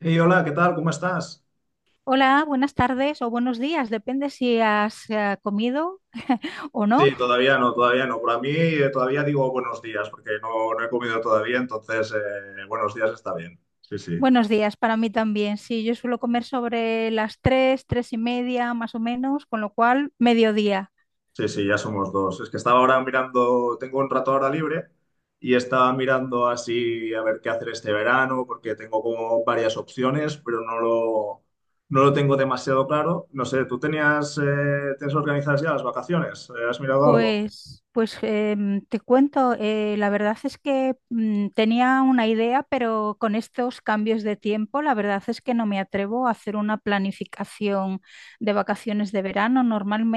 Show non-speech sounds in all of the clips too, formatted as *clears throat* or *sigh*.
Hey, hola, ¿qué tal? ¿Cómo estás? Hola, buenas tardes o buenos días, depende si has comido o no. Sí, todavía no, todavía no. Por mí todavía digo buenos días porque no he comido todavía, entonces buenos días está bien. Sí, sí, Buenos días para mí también. Sí, yo suelo comer sobre las tres, tres y media más o menos, con lo cual mediodía. sí, sí, ya somos dos. Es que estaba ahora mirando, tengo un rato ahora libre y estaba mirando así a ver qué hacer este verano porque tengo como varias opciones, pero no lo tengo demasiado claro. No sé, ¿tú tenías, tienes organizadas ya las vacaciones? ¿Has mirado algo? Pues te cuento, la verdad es que tenía una idea, pero con estos cambios de tiempo, la verdad es que no me atrevo a hacer una planificación de vacaciones de verano.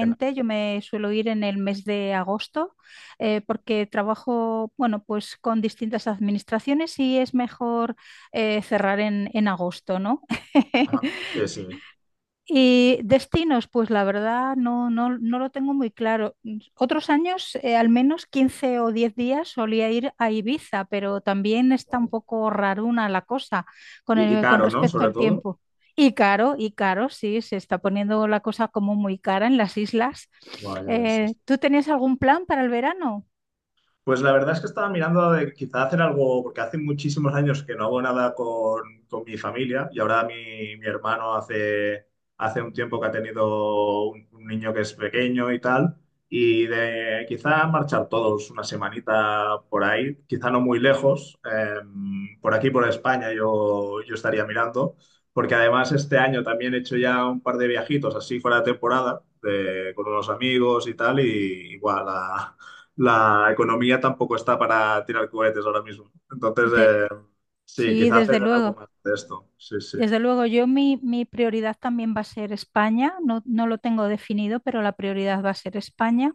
Ya. yo me suelo ir en el mes de agosto, porque trabajo, bueno, pues con distintas administraciones y es mejor cerrar en agosto, ¿no? Ajá. *laughs* Sí, sí. Y destinos, pues la verdad no, no, no lo tengo muy claro. Otros años, al menos 15 o 10 días solía ir a Ibiza, pero también está un poco raruna la cosa Y con caro, ¿no? respecto Sobre al todo. tiempo. Y caro, sí, se está poniendo la cosa como muy cara en las islas. Guau, ya ves, sí, sí. ¿Tú tenías algún plan para el verano? Pues la verdad es que estaba mirando de quizá hacer algo, porque hace muchísimos años que no hago nada con, con mi familia y ahora mi hermano hace, hace un tiempo que ha tenido un niño que es pequeño y tal, y de quizá marchar todos una semanita por ahí, quizá no muy lejos, por aquí, por España, yo estaría mirando, porque además este año también he hecho ya un par de viajitos así fuera de temporada, con unos amigos y tal, y igual a la economía tampoco está para tirar cohetes ahora mismo. Entonces, De- sí, sí, quizá hacer desde algo luego. más de esto. Sí, sí. Desde luego, yo mi prioridad también va a ser España. No, no lo tengo definido, pero la prioridad va a ser España.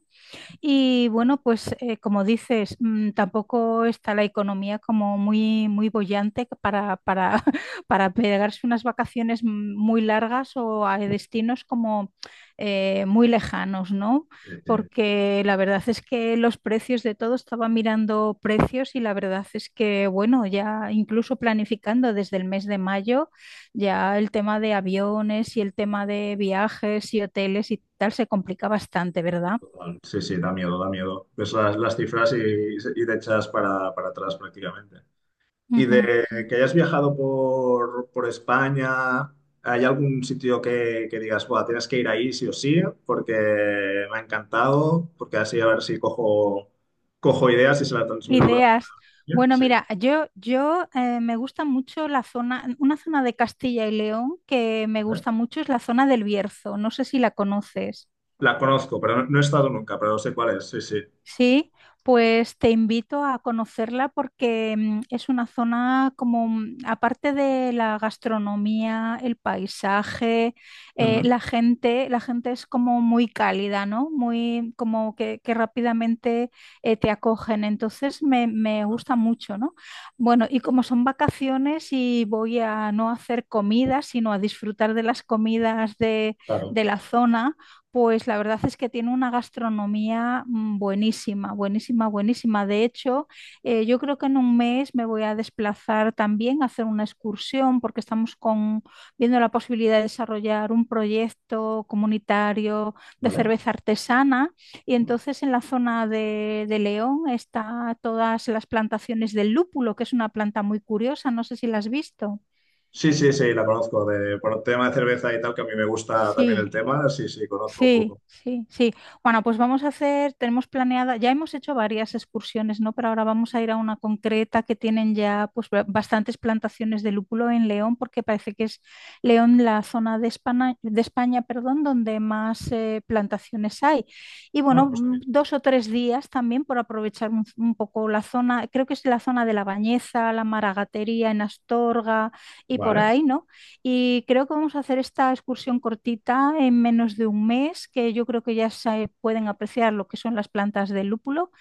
Y bueno, pues como dices, tampoco está la economía como muy, muy boyante *laughs* para pegarse unas vacaciones muy largas o a destinos como muy lejanos, ¿no? Sí, sí, Porque la verdad es que los precios de todo, estaba mirando precios y la verdad es que, bueno, ya incluso planificando desde el mes de mayo, ya el tema de aviones y el tema de viajes y hoteles y tal se complica bastante, ¿verdad? total. Sí, sí, da miedo, da miedo. Ves las cifras y te echas para atrás prácticamente. Y Ujú. de que hayas viajado por España, ¿hay algún sitio que digas, buah, tienes que ir ahí sí o sí? Porque me ha encantado, porque así a ver si cojo, cojo ideas y se las transmito Ideas. también. Bueno, Sí. mira, yo me gusta mucho la zona, una zona de Castilla y León que me gusta mucho es la zona del Bierzo. No sé si la conoces. La conozco, pero no, no he estado nunca, pero sé cuál es, sí, sí. Sí, pues te invito a conocerla porque es una zona como, aparte de la gastronomía, el paisaje, Ujú. La gente es como muy cálida, ¿no? Muy como que rápidamente te acogen. Entonces me Ah, gusta mucho, ¿no? Bueno, y como son vacaciones y voy a no hacer comida, sino a disfrutar de las comidas claro, de la zona pues la verdad es que tiene una gastronomía buenísima, buenísima, buenísima. De hecho, yo creo que en un mes me voy a desplazar también a hacer una excursión porque estamos con, viendo la posibilidad de desarrollar un proyecto comunitario de vale. cerveza artesana. Y entonces en la zona de León está todas las plantaciones del lúpulo, que es una planta muy curiosa. No sé si la has visto. Sí, sí, sí, la conozco. De, por el tema de cerveza y tal, que a mí me gusta también el Sí. tema, sí, sí, conozco un Sí, poco. sí, sí. Bueno, pues vamos a hacer, tenemos planeada, ya hemos hecho varias excursiones, ¿no? Pero ahora vamos a ir a una concreta que tienen ya pues bastantes plantaciones de lúpulo en León, porque parece que es León la zona de España, perdón, donde más plantaciones hay. Y Ah, bueno, pues está bien. dos o tres días también por aprovechar un poco la zona, creo que es la zona de La Bañeza, la Maragatería en Astorga y por Vale. ahí, ¿no? Y creo que vamos a hacer esta excursión cortita en menos de un mes, que yo creo que ya se pueden apreciar lo que son las plantas de lúpulo.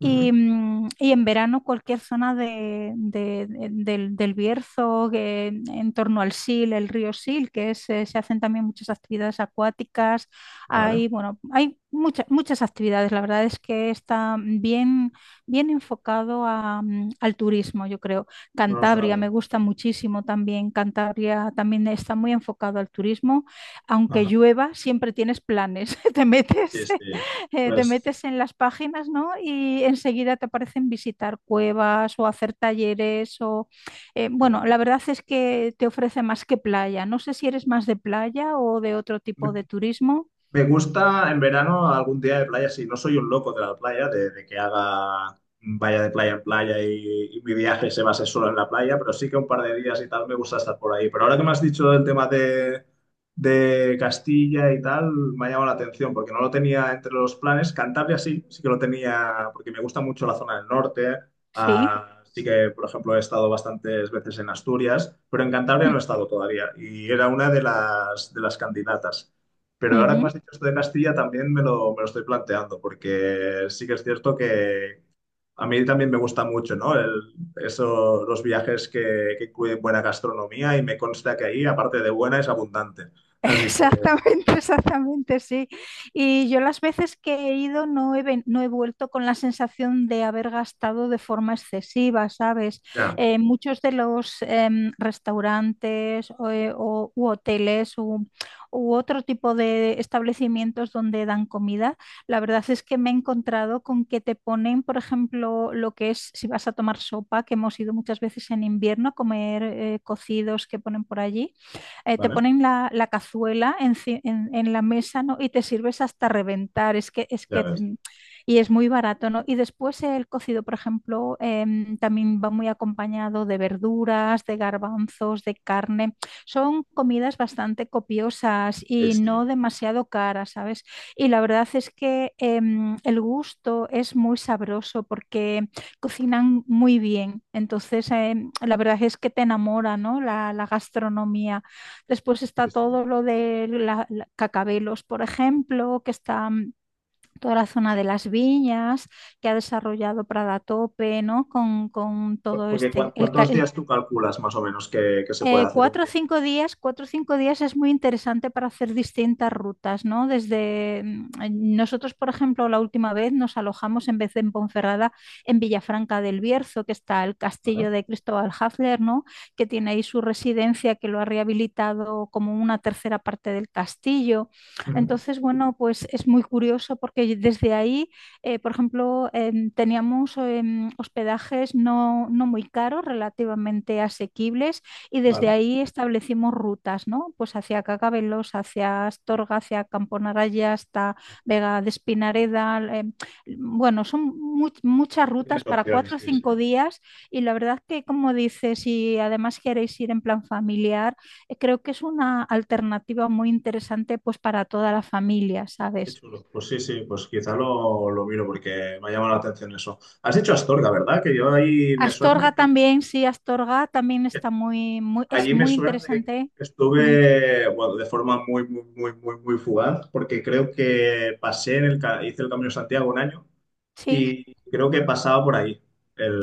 Ujú. mm, Y en verano cualquier zona del Bierzo, que en torno al Sil, el río Sil, que es, se hacen también muchas actividades acuáticas. Vale. Hay, bueno, hay muchas, muchas actividades. La verdad es que está bien, bien enfocado a, al turismo, yo creo. No, no, suena Cantabria me bien. gusta muchísimo también. Cantabria también está muy enfocado al turismo. Aunque Ajá. llueva, siempre tienes planes. *laughs* Y este, te pues, metes en las páginas, ¿no? Y enseguida te aparecen visitar cuevas o hacer talleres o… qué guay. bueno, la verdad es que te ofrece más que playa. No sé si eres más de playa o de otro tipo de turismo. Me gusta en verano algún día de playa, sí. No soy un loco de la playa, de que haga, vaya de playa en playa y mi viaje se base solo en la playa, pero sí que un par de días y tal me gusta estar por ahí. Pero ahora que me has dicho el tema de Castilla y tal, me ha llamado la atención porque no lo tenía entre los planes. Cantabria sí, sí que lo tenía porque me gusta mucho la zona del norte. Sí. Ah, sí que, por ejemplo, he estado bastantes veces en Asturias, pero en Cantabria no he *clears throat* estado todavía y era una de de las candidatas. Pero ahora que me Ujú. has dicho esto de Castilla, también me lo estoy planteando, porque sí que es cierto que a mí también me gusta mucho, ¿no? El- eso, los viajes que incluyen buena gastronomía y me consta que ahí, aparte de buena, es abundante. *laughs* Así que, Exactamente, exactamente, sí. Y yo las veces que he ido no he vuelto con la sensación de haber gastado de forma excesiva, ¿sabes? ya, Muchos de los restaurantes o u hoteles u otro tipo de establecimientos donde dan comida, la verdad es que me he encontrado con que te ponen, por ejemplo, lo que es, si vas a tomar sopa, que hemos ido muchas veces en invierno a comer cocidos que ponen por allí te ¿vale? ponen la, la cazuela en la mesa, ¿no? Y te sirves hasta reventar, es que, es Ya que, ves. mm, y es muy barato, ¿no? Y después el cocido, por ejemplo, también va muy acompañado de verduras, de garbanzos, de carne. Son comidas bastante copiosas Sí, y sí, no demasiado caras, ¿sabes? Y la verdad es que el gusto es muy sabroso porque cocinan muy bien. Entonces, la verdad es que te enamora, ¿no? La gastronomía. Después está sí, sí. todo lo de Cacabelos, por ejemplo, que está toda la zona de las viñas, que ha desarrollado Prada Tope, ¿no? Con todo Porque este, ¿cuántos días tú calculas más o menos que se puede hacer un cuatro o viaje? cinco días, cuatro o cinco días es muy interesante para hacer distintas rutas, ¿no? Desde nosotros, por ejemplo, la última vez nos alojamos en vez de en Ponferrada, en Villafranca del Bierzo, que está el ¿Vale? castillo de Cristóbal Hafler, ¿no? Que tiene ahí su residencia, que lo ha rehabilitado como una tercera parte del castillo. Ujú. Entonces, bueno, pues es muy curioso porque desde ahí, por ejemplo, teníamos hospedajes no, no muy caros, relativamente asequibles y desde Vale. ahí establecimos rutas, ¿no? Pues hacia Cacabelos, hacia Astorga, hacia Camponaraya, hasta Vega de Espinareda. Bueno, son muchas rutas Tienes para opciones, cuatro o sí, sí. cinco días y la verdad que, como dices, si además queréis ir en plan familiar, creo que es una alternativa muy interesante pues para toda la familia, Qué ¿sabes? chulo. Pues sí, sí, pues quizá lo miro porque me ha llamado la atención eso. Has dicho Astorga, ¿verdad? Que yo ahí me suena Astorga de que- también, sí, Astorga también está muy, muy, es allí me muy suena de interesante. que Mm, estuve, bueno, de forma muy, muy, muy, muy, muy fugaz, porque creo que pasé en el, hice el Camino de Santiago un año sí. y creo que pasaba por ahí.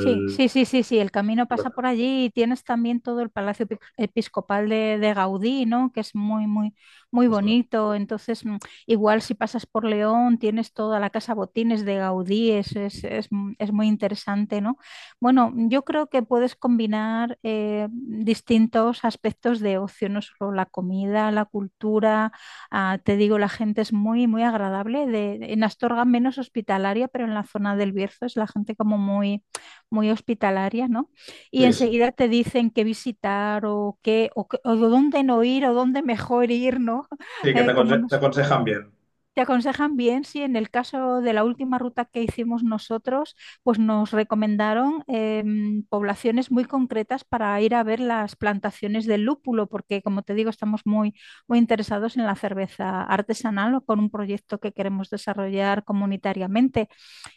Sí, sí, sí, sí, sí, el camino sí, pasa ¿verdad? por allí y tienes también todo el Palacio Episcopal de Gaudí, ¿no? Que es muy, muy, muy Ostras. bonito. Entonces, igual si pasas por León, tienes toda la Casa Botines de Gaudí, es, es muy interesante, ¿no? Bueno, yo creo que puedes combinar distintos aspectos de ocio, no solo la comida, la cultura, te digo, la gente es muy, muy agradable. De, en Astorga menos hospitalaria, pero en la zona del Bierzo es la gente como muy muy hospitalaria, ¿no? Y Sí, sí. enseguida te dicen qué visitar o dónde no ir o dónde mejor ir, ¿no? *laughs* Sí, que te, como te nos aconsejan bien. te aconsejan bien, sí, en el caso de la última ruta que hicimos nosotros, pues nos recomendaron poblaciones muy concretas para ir a ver las plantaciones del lúpulo, porque como te digo, estamos muy, muy interesados en la cerveza artesanal o con un proyecto que queremos desarrollar comunitariamente.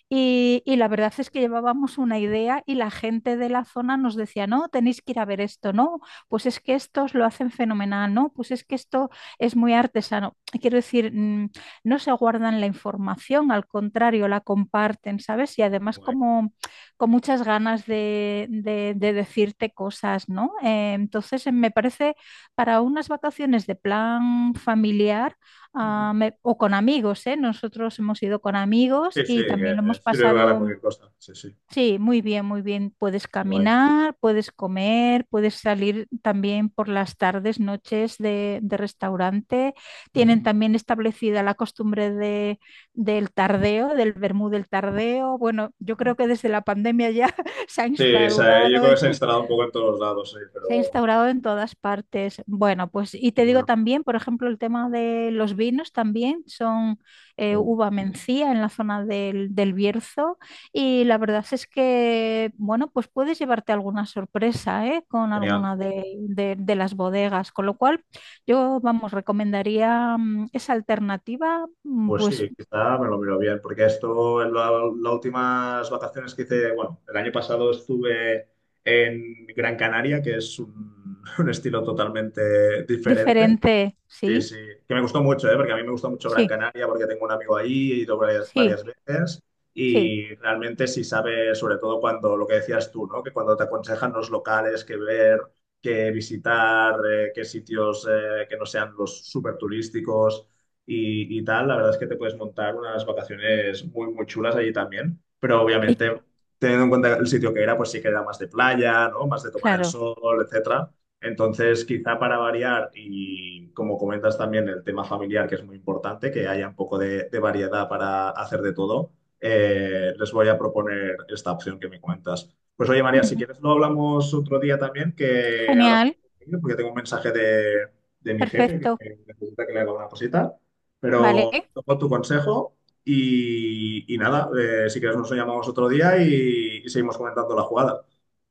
Y la verdad es que llevábamos una idea y la gente de la zona nos decía, no, tenéis que ir a ver esto, no, pues es que estos lo hacen fenomenal, no, pues es que esto es muy Ya, artesano. Quiero decir, no se guardan la información, al contrario, la comparten, ¿sabes? Y qué además guay. como con muchas ganas de, de decirte cosas, ¿no? Entonces me parece para unas vacaciones de plan familiar, Ujú. O con amigos, ¿eh? Nosotros hemos ido con amigos Sí, sí, y también lo que hemos sirve para pasado, cualquier cosa. Sí, sí, sí, muy bien, muy bien. Puedes qué guay. caminar, puedes comer, puedes salir también por las tardes, noches de restaurante. Tienen también establecida la costumbre de, del tardeo, del vermú del tardeo. Bueno, yo Ujú. creo que desde la pandemia ya *laughs* se ha Sí, esa, yo instaurado. creo que se ha *laughs* instalado un poco en todos lados, sí, Se ha pero instaurado en todas partes. Bueno, pues y te digo bueno, también, por ejemplo, el tema de los vinos también son mm, uva mencía en la zona del, del Bierzo y la verdad es que, bueno, pues puedes llevarte alguna sorpresa ¿eh? Con genial. alguna de, de las bodegas, con lo cual yo, vamos, recomendaría esa alternativa, Pues pues sí, quizá me lo miro bien, porque esto, en las últimas vacaciones que hice, bueno, el año pasado estuve en Gran Canaria, que es un, *laughs* un estilo totalmente diferente. diferente, Sí, sí, sí, que me gustó mucho, ¿eh? Porque a mí me gustó mucho Gran sí, Canaria porque tengo un amigo ahí, he ido varias, varias sí, veces sí, y realmente sí sabe, sobre todo cuando, lo que decías tú, ¿no? Que cuando te aconsejan los locales que ver, que visitar, qué sitios que no sean los súper turísticos y tal, la verdad es que te puedes montar unas vacaciones muy, muy chulas allí también, pero Y- obviamente teniendo en cuenta el sitio que era, pues sí que era más de playa, ¿no? Más de tomar el claro. sol, etcétera. Entonces, quizá para variar y como comentas también el tema familiar, que es muy importante, que haya un poco de variedad para hacer de todo, les voy a proponer esta opción que me comentas. Pues oye, María, si Ujú. quieres lo hablamos otro día también, que ahora me Genial, tengo que ir porque tengo un mensaje de mi jefe perfecto, que necesita que le haga una cosita, pero vale. tomo tu consejo y nada, si quieres nos llamamos otro día y seguimos comentando la jugada,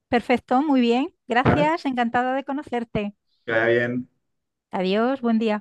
Perfecto, muy bien. ¿vale? Gracias, encantada de conocerte. Que vaya bien. Adiós, buen día.